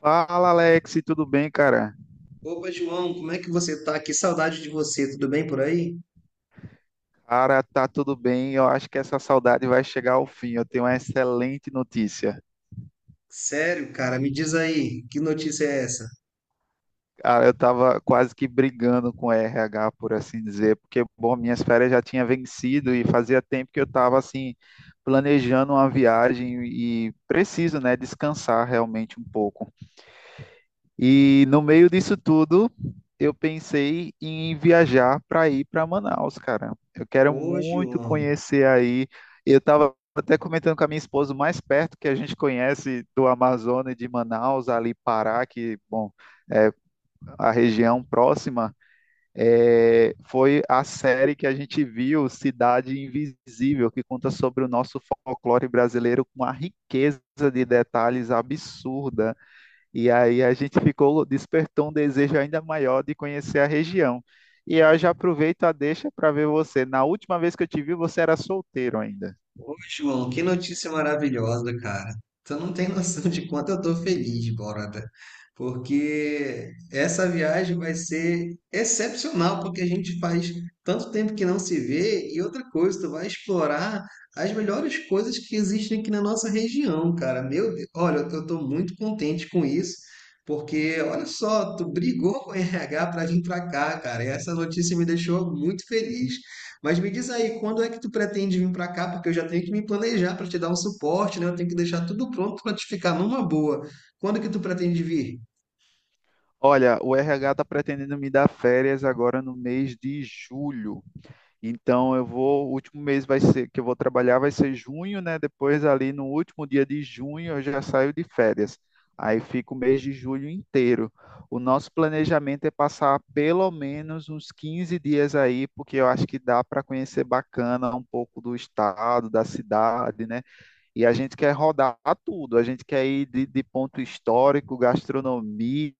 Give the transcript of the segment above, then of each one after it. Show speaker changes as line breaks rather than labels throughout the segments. Fala, Alex, tudo bem, cara?
Opa, João, como é que você tá? Que saudade de você. Tudo bem por aí?
Cara, tá tudo bem. Eu acho que essa saudade vai chegar ao fim. Eu tenho uma excelente notícia.
Sério, cara, me diz aí, que notícia é essa?
Cara, eu tava quase que brigando com o RH, por assim dizer, porque, bom, minhas férias já tinha vencido e fazia tempo que eu tava, assim, planejando uma viagem e preciso, né, descansar realmente um pouco. E no meio disso tudo, eu pensei em viajar para ir para Manaus, cara. Eu quero
Ô,
muito
João.
conhecer aí. Eu estava até comentando com a minha esposa, o mais perto que a gente conhece do Amazonas e de Manaus, ali Pará, que, bom, é a região próxima, foi a série que a gente viu, Cidade Invisível, que conta sobre o nosso folclore brasileiro com uma riqueza de detalhes absurda. E aí a gente ficou, despertou um desejo ainda maior de conhecer a região. E eu já aproveito a deixa para ver você. Na última vez que eu te vi, você era solteiro ainda.
Ô, João, que notícia maravilhosa, cara. Tu não tem noção de quanto eu tô feliz, Borda, porque essa viagem vai ser excepcional, porque a gente faz tanto tempo que não se vê, e outra coisa, tu vai explorar as melhores coisas que existem aqui na nossa região, cara. Meu Deus, olha, eu tô muito contente com isso, porque olha só, tu brigou com o RH pra vir pra cá, cara, e essa notícia me deixou muito feliz. Mas me diz aí, quando é que tu pretende vir para cá? Porque eu já tenho que me planejar para te dar um suporte, né? Eu tenho que deixar tudo pronto para te ficar numa boa. Quando que tu pretende vir?
Olha, o RH está pretendendo me dar férias agora no mês de julho. Então eu vou, o último mês vai ser que eu vou trabalhar vai ser junho, né? Depois ali no último dia de junho eu já saio de férias. Aí fica o mês de julho inteiro. O nosso planejamento é passar pelo menos uns 15 dias aí, porque eu acho que dá para conhecer bacana um pouco do estado, da cidade, né? E a gente quer rodar tudo, a gente quer ir de, ponto histórico, gastronomia,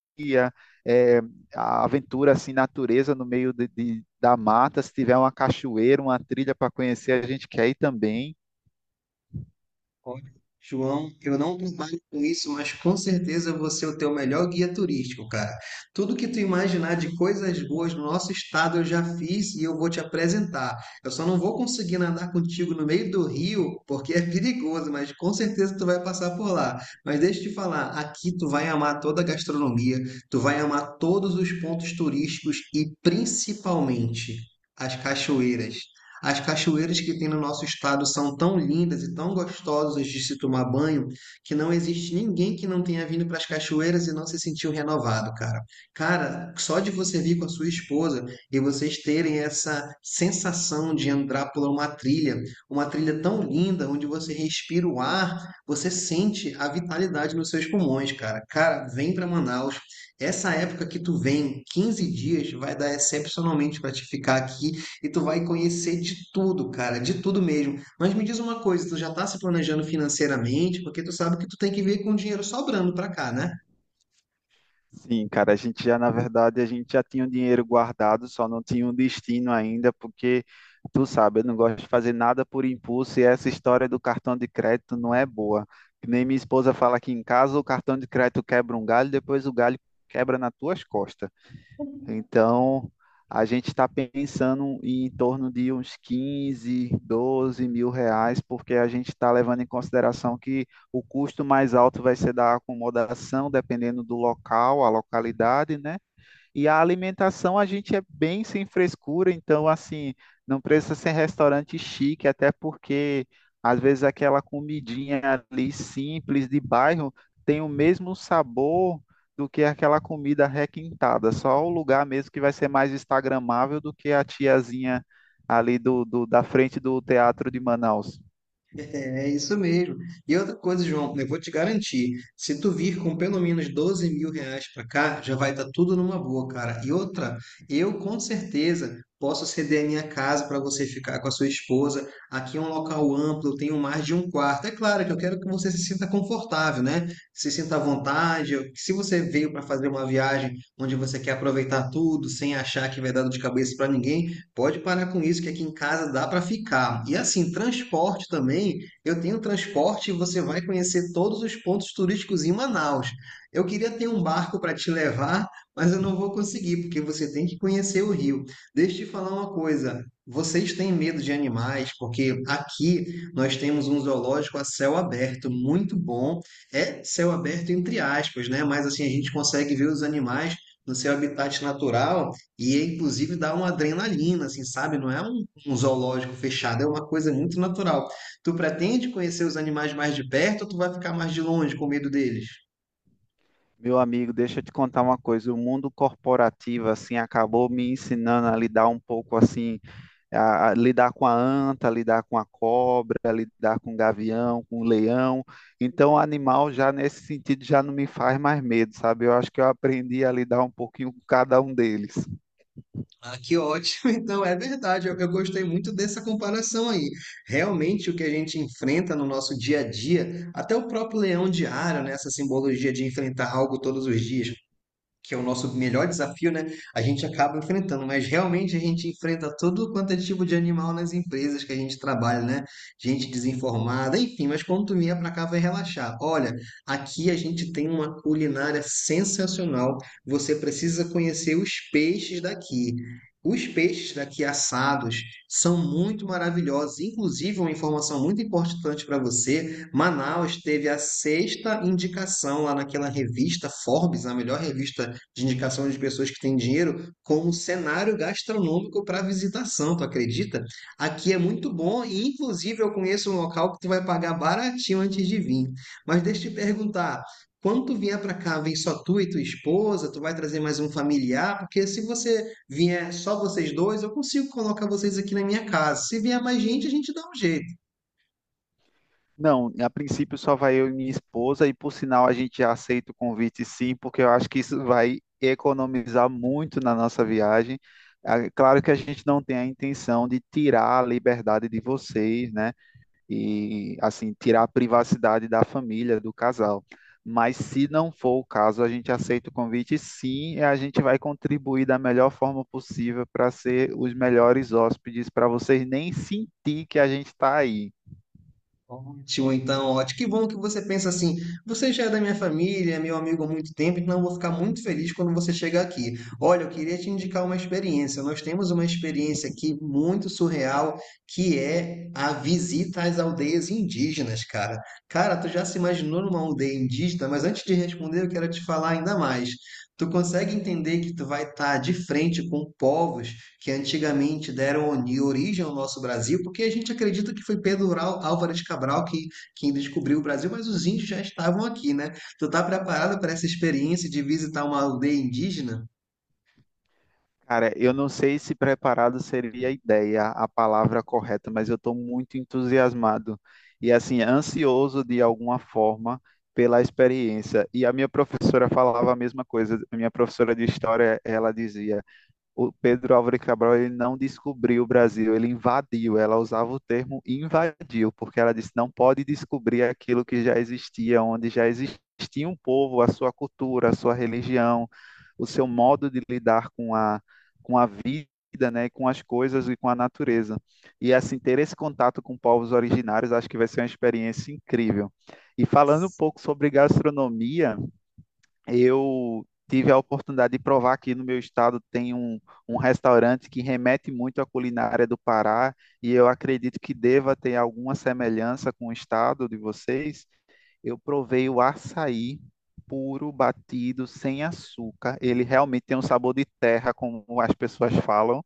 é, a aventura assim, natureza no meio da mata. Se tiver uma cachoeira, uma trilha para conhecer, a gente quer ir também.
Olha, João, eu não trabalho com isso, mas com certeza você é o teu melhor guia turístico, cara. Tudo que tu imaginar de coisas boas no nosso estado eu já fiz e eu vou te apresentar. Eu só não vou conseguir nadar contigo no meio do rio, porque é perigoso, mas com certeza tu vai passar por lá. Mas deixa eu te falar, aqui tu vai amar toda a gastronomia, tu vai amar todos os pontos turísticos e principalmente as cachoeiras. As cachoeiras que tem no nosso estado são tão lindas e tão gostosas de se tomar banho que não existe ninguém que não tenha vindo para as cachoeiras e não se sentiu renovado, cara. Cara, só de você vir com a sua esposa e vocês terem essa sensação de entrar por uma trilha tão linda onde você respira o ar, você sente a vitalidade nos seus pulmões, cara. Cara, vem para Manaus. Essa época que tu vem, 15 dias, vai dar excepcionalmente para te ficar aqui e tu vai conhecer de tudo, cara, de tudo mesmo. Mas me diz uma coisa, tu já tá se planejando financeiramente, porque tu sabe que tu tem que vir com o dinheiro sobrando pra cá, né?
Sim, cara, na verdade, a gente já tinha o dinheiro guardado, só não tinha um destino ainda, porque tu sabe, eu não gosto de fazer nada por impulso e essa história do cartão de crédito não é boa. Que nem minha esposa fala aqui em casa, o cartão de crédito quebra um galho, depois o galho quebra nas tuas costas. Então, a gente está pensando em torno de uns 15, 12 mil reais, porque a gente está levando em consideração que o custo mais alto vai ser da acomodação, dependendo do local, a localidade, né? E a alimentação a gente é bem sem frescura, então assim, não precisa ser restaurante chique, até porque às vezes aquela comidinha ali simples de bairro tem o mesmo sabor do que aquela comida requintada, só o lugar mesmo que vai ser mais instagramável do que a tiazinha ali da frente do Teatro de Manaus.
É, é isso mesmo. E outra coisa, João, eu vou te garantir, se tu vir com pelo menos R$ 12.000 pra cá, já vai estar tudo numa boa, cara. E outra, eu com certeza posso ceder a minha casa para você ficar com a sua esposa. Aqui é um local amplo, eu tenho mais de um quarto. É claro que eu quero que você se sinta confortável, né? Se sinta à vontade. Eu- se você veio para fazer uma viagem onde você quer aproveitar tudo, sem achar que vai dar dor de cabeça para ninguém, pode parar com isso, que aqui em casa dá para ficar. E assim, transporte também, eu tenho transporte e você vai conhecer todos os pontos turísticos em Manaus. Eu queria ter um barco para te levar, mas eu não vou conseguir, porque você tem que conhecer o rio. Deixa eu te falar uma coisa. Vocês têm medo de animais, porque aqui nós temos um zoológico a céu aberto, muito bom. É céu aberto entre aspas, né? Mas assim a gente consegue ver os animais no seu habitat natural e inclusive dá uma adrenalina, assim, sabe? Não é um zoológico fechado, é uma coisa muito natural. Tu pretende conhecer os animais mais de perto ou tu vai ficar mais de longe com medo deles?
Meu amigo, deixa eu te contar uma coisa. O mundo corporativo, assim, acabou me ensinando a lidar um pouco, assim, a lidar com a anta, lidar com a cobra, lidar com o gavião, com o leão. Então, o animal já nesse sentido já não me faz mais medo, sabe? Eu acho que eu aprendi a lidar um pouquinho com cada um deles.
Ah, que ótimo! Então, é verdade, eu gostei muito dessa comparação aí. Realmente, o que a gente enfrenta no nosso dia a dia, até o próprio leão diário, né, essa simbologia de enfrentar algo todos os dias, que é o nosso melhor desafio, né? A gente acaba enfrentando, mas realmente a gente enfrenta todo quanto é tipo de animal nas empresas que a gente trabalha, né? Gente desinformada, enfim, mas quando tu vier pra cá vai relaxar. Olha, aqui a gente tem uma culinária sensacional. Você precisa conhecer os peixes daqui. Os peixes daqui assados são muito maravilhosos. Inclusive, uma informação muito importante para você: Manaus teve a sexta indicação lá naquela revista Forbes, a melhor revista de indicação de pessoas que têm dinheiro como cenário gastronômico para visitação, tu acredita? Aqui é muito bom e, inclusive, eu conheço um local que tu vai pagar baratinho antes de vir. Mas deixa eu te perguntar, quando tu vier para cá, vem só tu e tua esposa, tu vai trazer mais um familiar, porque se você vier só vocês dois, eu consigo colocar vocês aqui na minha casa. Se vier mais gente, a gente dá um jeito.
Não, a princípio só vai eu e minha esposa, e por sinal a gente já aceita o convite sim, porque eu acho que isso vai economizar muito na nossa viagem. Ah, Claro que a gente não tem a intenção de tirar a liberdade de vocês, né? E assim tirar a privacidade da família, do casal. Mas se não for o caso, a gente aceita o convite sim, e a gente vai contribuir da melhor forma possível para ser os melhores hóspedes, para vocês nem sentir que a gente está aí.
Ótimo, então, ótimo. Que bom que você pensa assim. Você já é da minha família, é meu amigo há muito tempo, então eu vou ficar muito feliz quando você chegar aqui. Olha, eu queria te indicar uma experiência. Nós temos uma experiência aqui muito surreal, que é a visita às aldeias indígenas, cara. Cara, tu já se imaginou numa aldeia indígena? Mas antes de responder, eu quero te falar ainda mais. Tu consegue entender que tu vai estar de frente com povos que antigamente deram origem ao nosso Brasil, porque a gente acredita que foi Pedro Álvares Cabral que, quem descobriu o Brasil, mas os índios já estavam aqui, né? Tu tá preparado para essa experiência de visitar uma aldeia indígena?
Cara, eu não sei se preparado seria a ideia, a palavra correta, mas eu estou muito entusiasmado e assim ansioso de alguma forma pela experiência. E a minha professora falava a mesma coisa. A minha professora de história, ela dizia: o Pedro Álvares Cabral ele não descobriu o Brasil, ele invadiu. Ela usava o termo invadiu, porque ela disse não pode descobrir aquilo que já existia, onde já existia um povo, a sua cultura, a sua religião, o seu modo de lidar com com a vida. Né, com as coisas e com a natureza. E assim, ter esse contato com povos originários acho que vai ser uma experiência incrível. E falando um pouco sobre gastronomia, eu tive a oportunidade de provar que no meu estado tem um restaurante que remete muito à culinária do Pará e eu acredito que deva ter alguma semelhança com o estado de vocês. Eu provei o açaí puro, batido, sem açúcar. Ele realmente tem um sabor de terra, como as pessoas falam.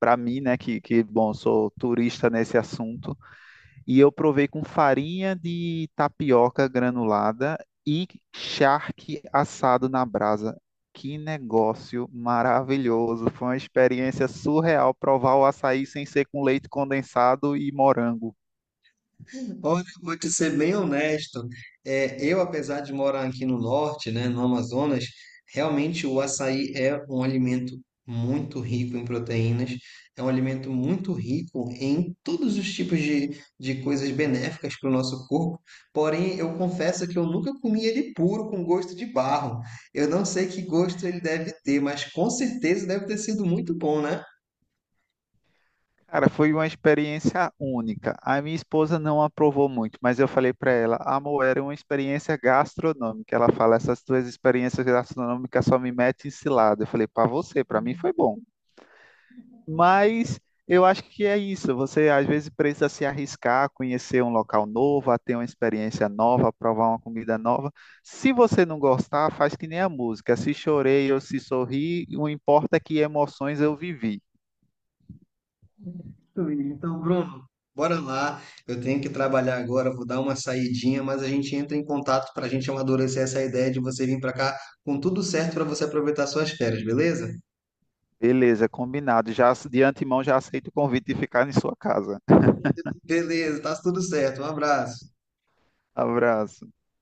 Para mim, né, que bom, sou turista nesse assunto. E eu provei com farinha de tapioca granulada e charque assado na brasa. Que negócio maravilhoso! Foi uma experiência surreal provar o açaí sem ser com leite condensado e morango.
Olha, eu vou te ser bem honesto. É, eu, apesar de morar aqui no norte, né, no Amazonas, realmente o açaí é um alimento muito rico em proteínas, é um alimento muito rico em todos os tipos de coisas benéficas para o nosso corpo. Porém, eu confesso que eu nunca comi ele puro com gosto de barro. Eu não sei que gosto ele deve ter, mas com certeza deve ter sido muito bom, né?
Cara, foi uma experiência única. A minha esposa não aprovou muito, mas eu falei para ela, amor, era uma experiência gastronômica. Ela fala, essas tuas experiências gastronômicas só me metem em cilada. Eu falei, para você, para mim foi bom. Mas eu acho que é isso. Você às vezes precisa se arriscar, conhecer um local novo, a ter uma experiência nova, provar uma comida nova. Se você não gostar, faz que nem a música. Se chorei ou se sorri, o importa é que emoções eu vivi.
Muito bem. Então, Bruno, bora lá. Eu tenho que trabalhar agora, vou dar uma saidinha, mas a gente entra em contato para a gente amadurecer essa ideia de você vir para cá com tudo certo para você aproveitar suas férias, beleza?
Beleza, combinado. Já de antemão já aceito o convite de ficar em sua casa.
Beleza, tá tudo certo. Um abraço.
Abraço.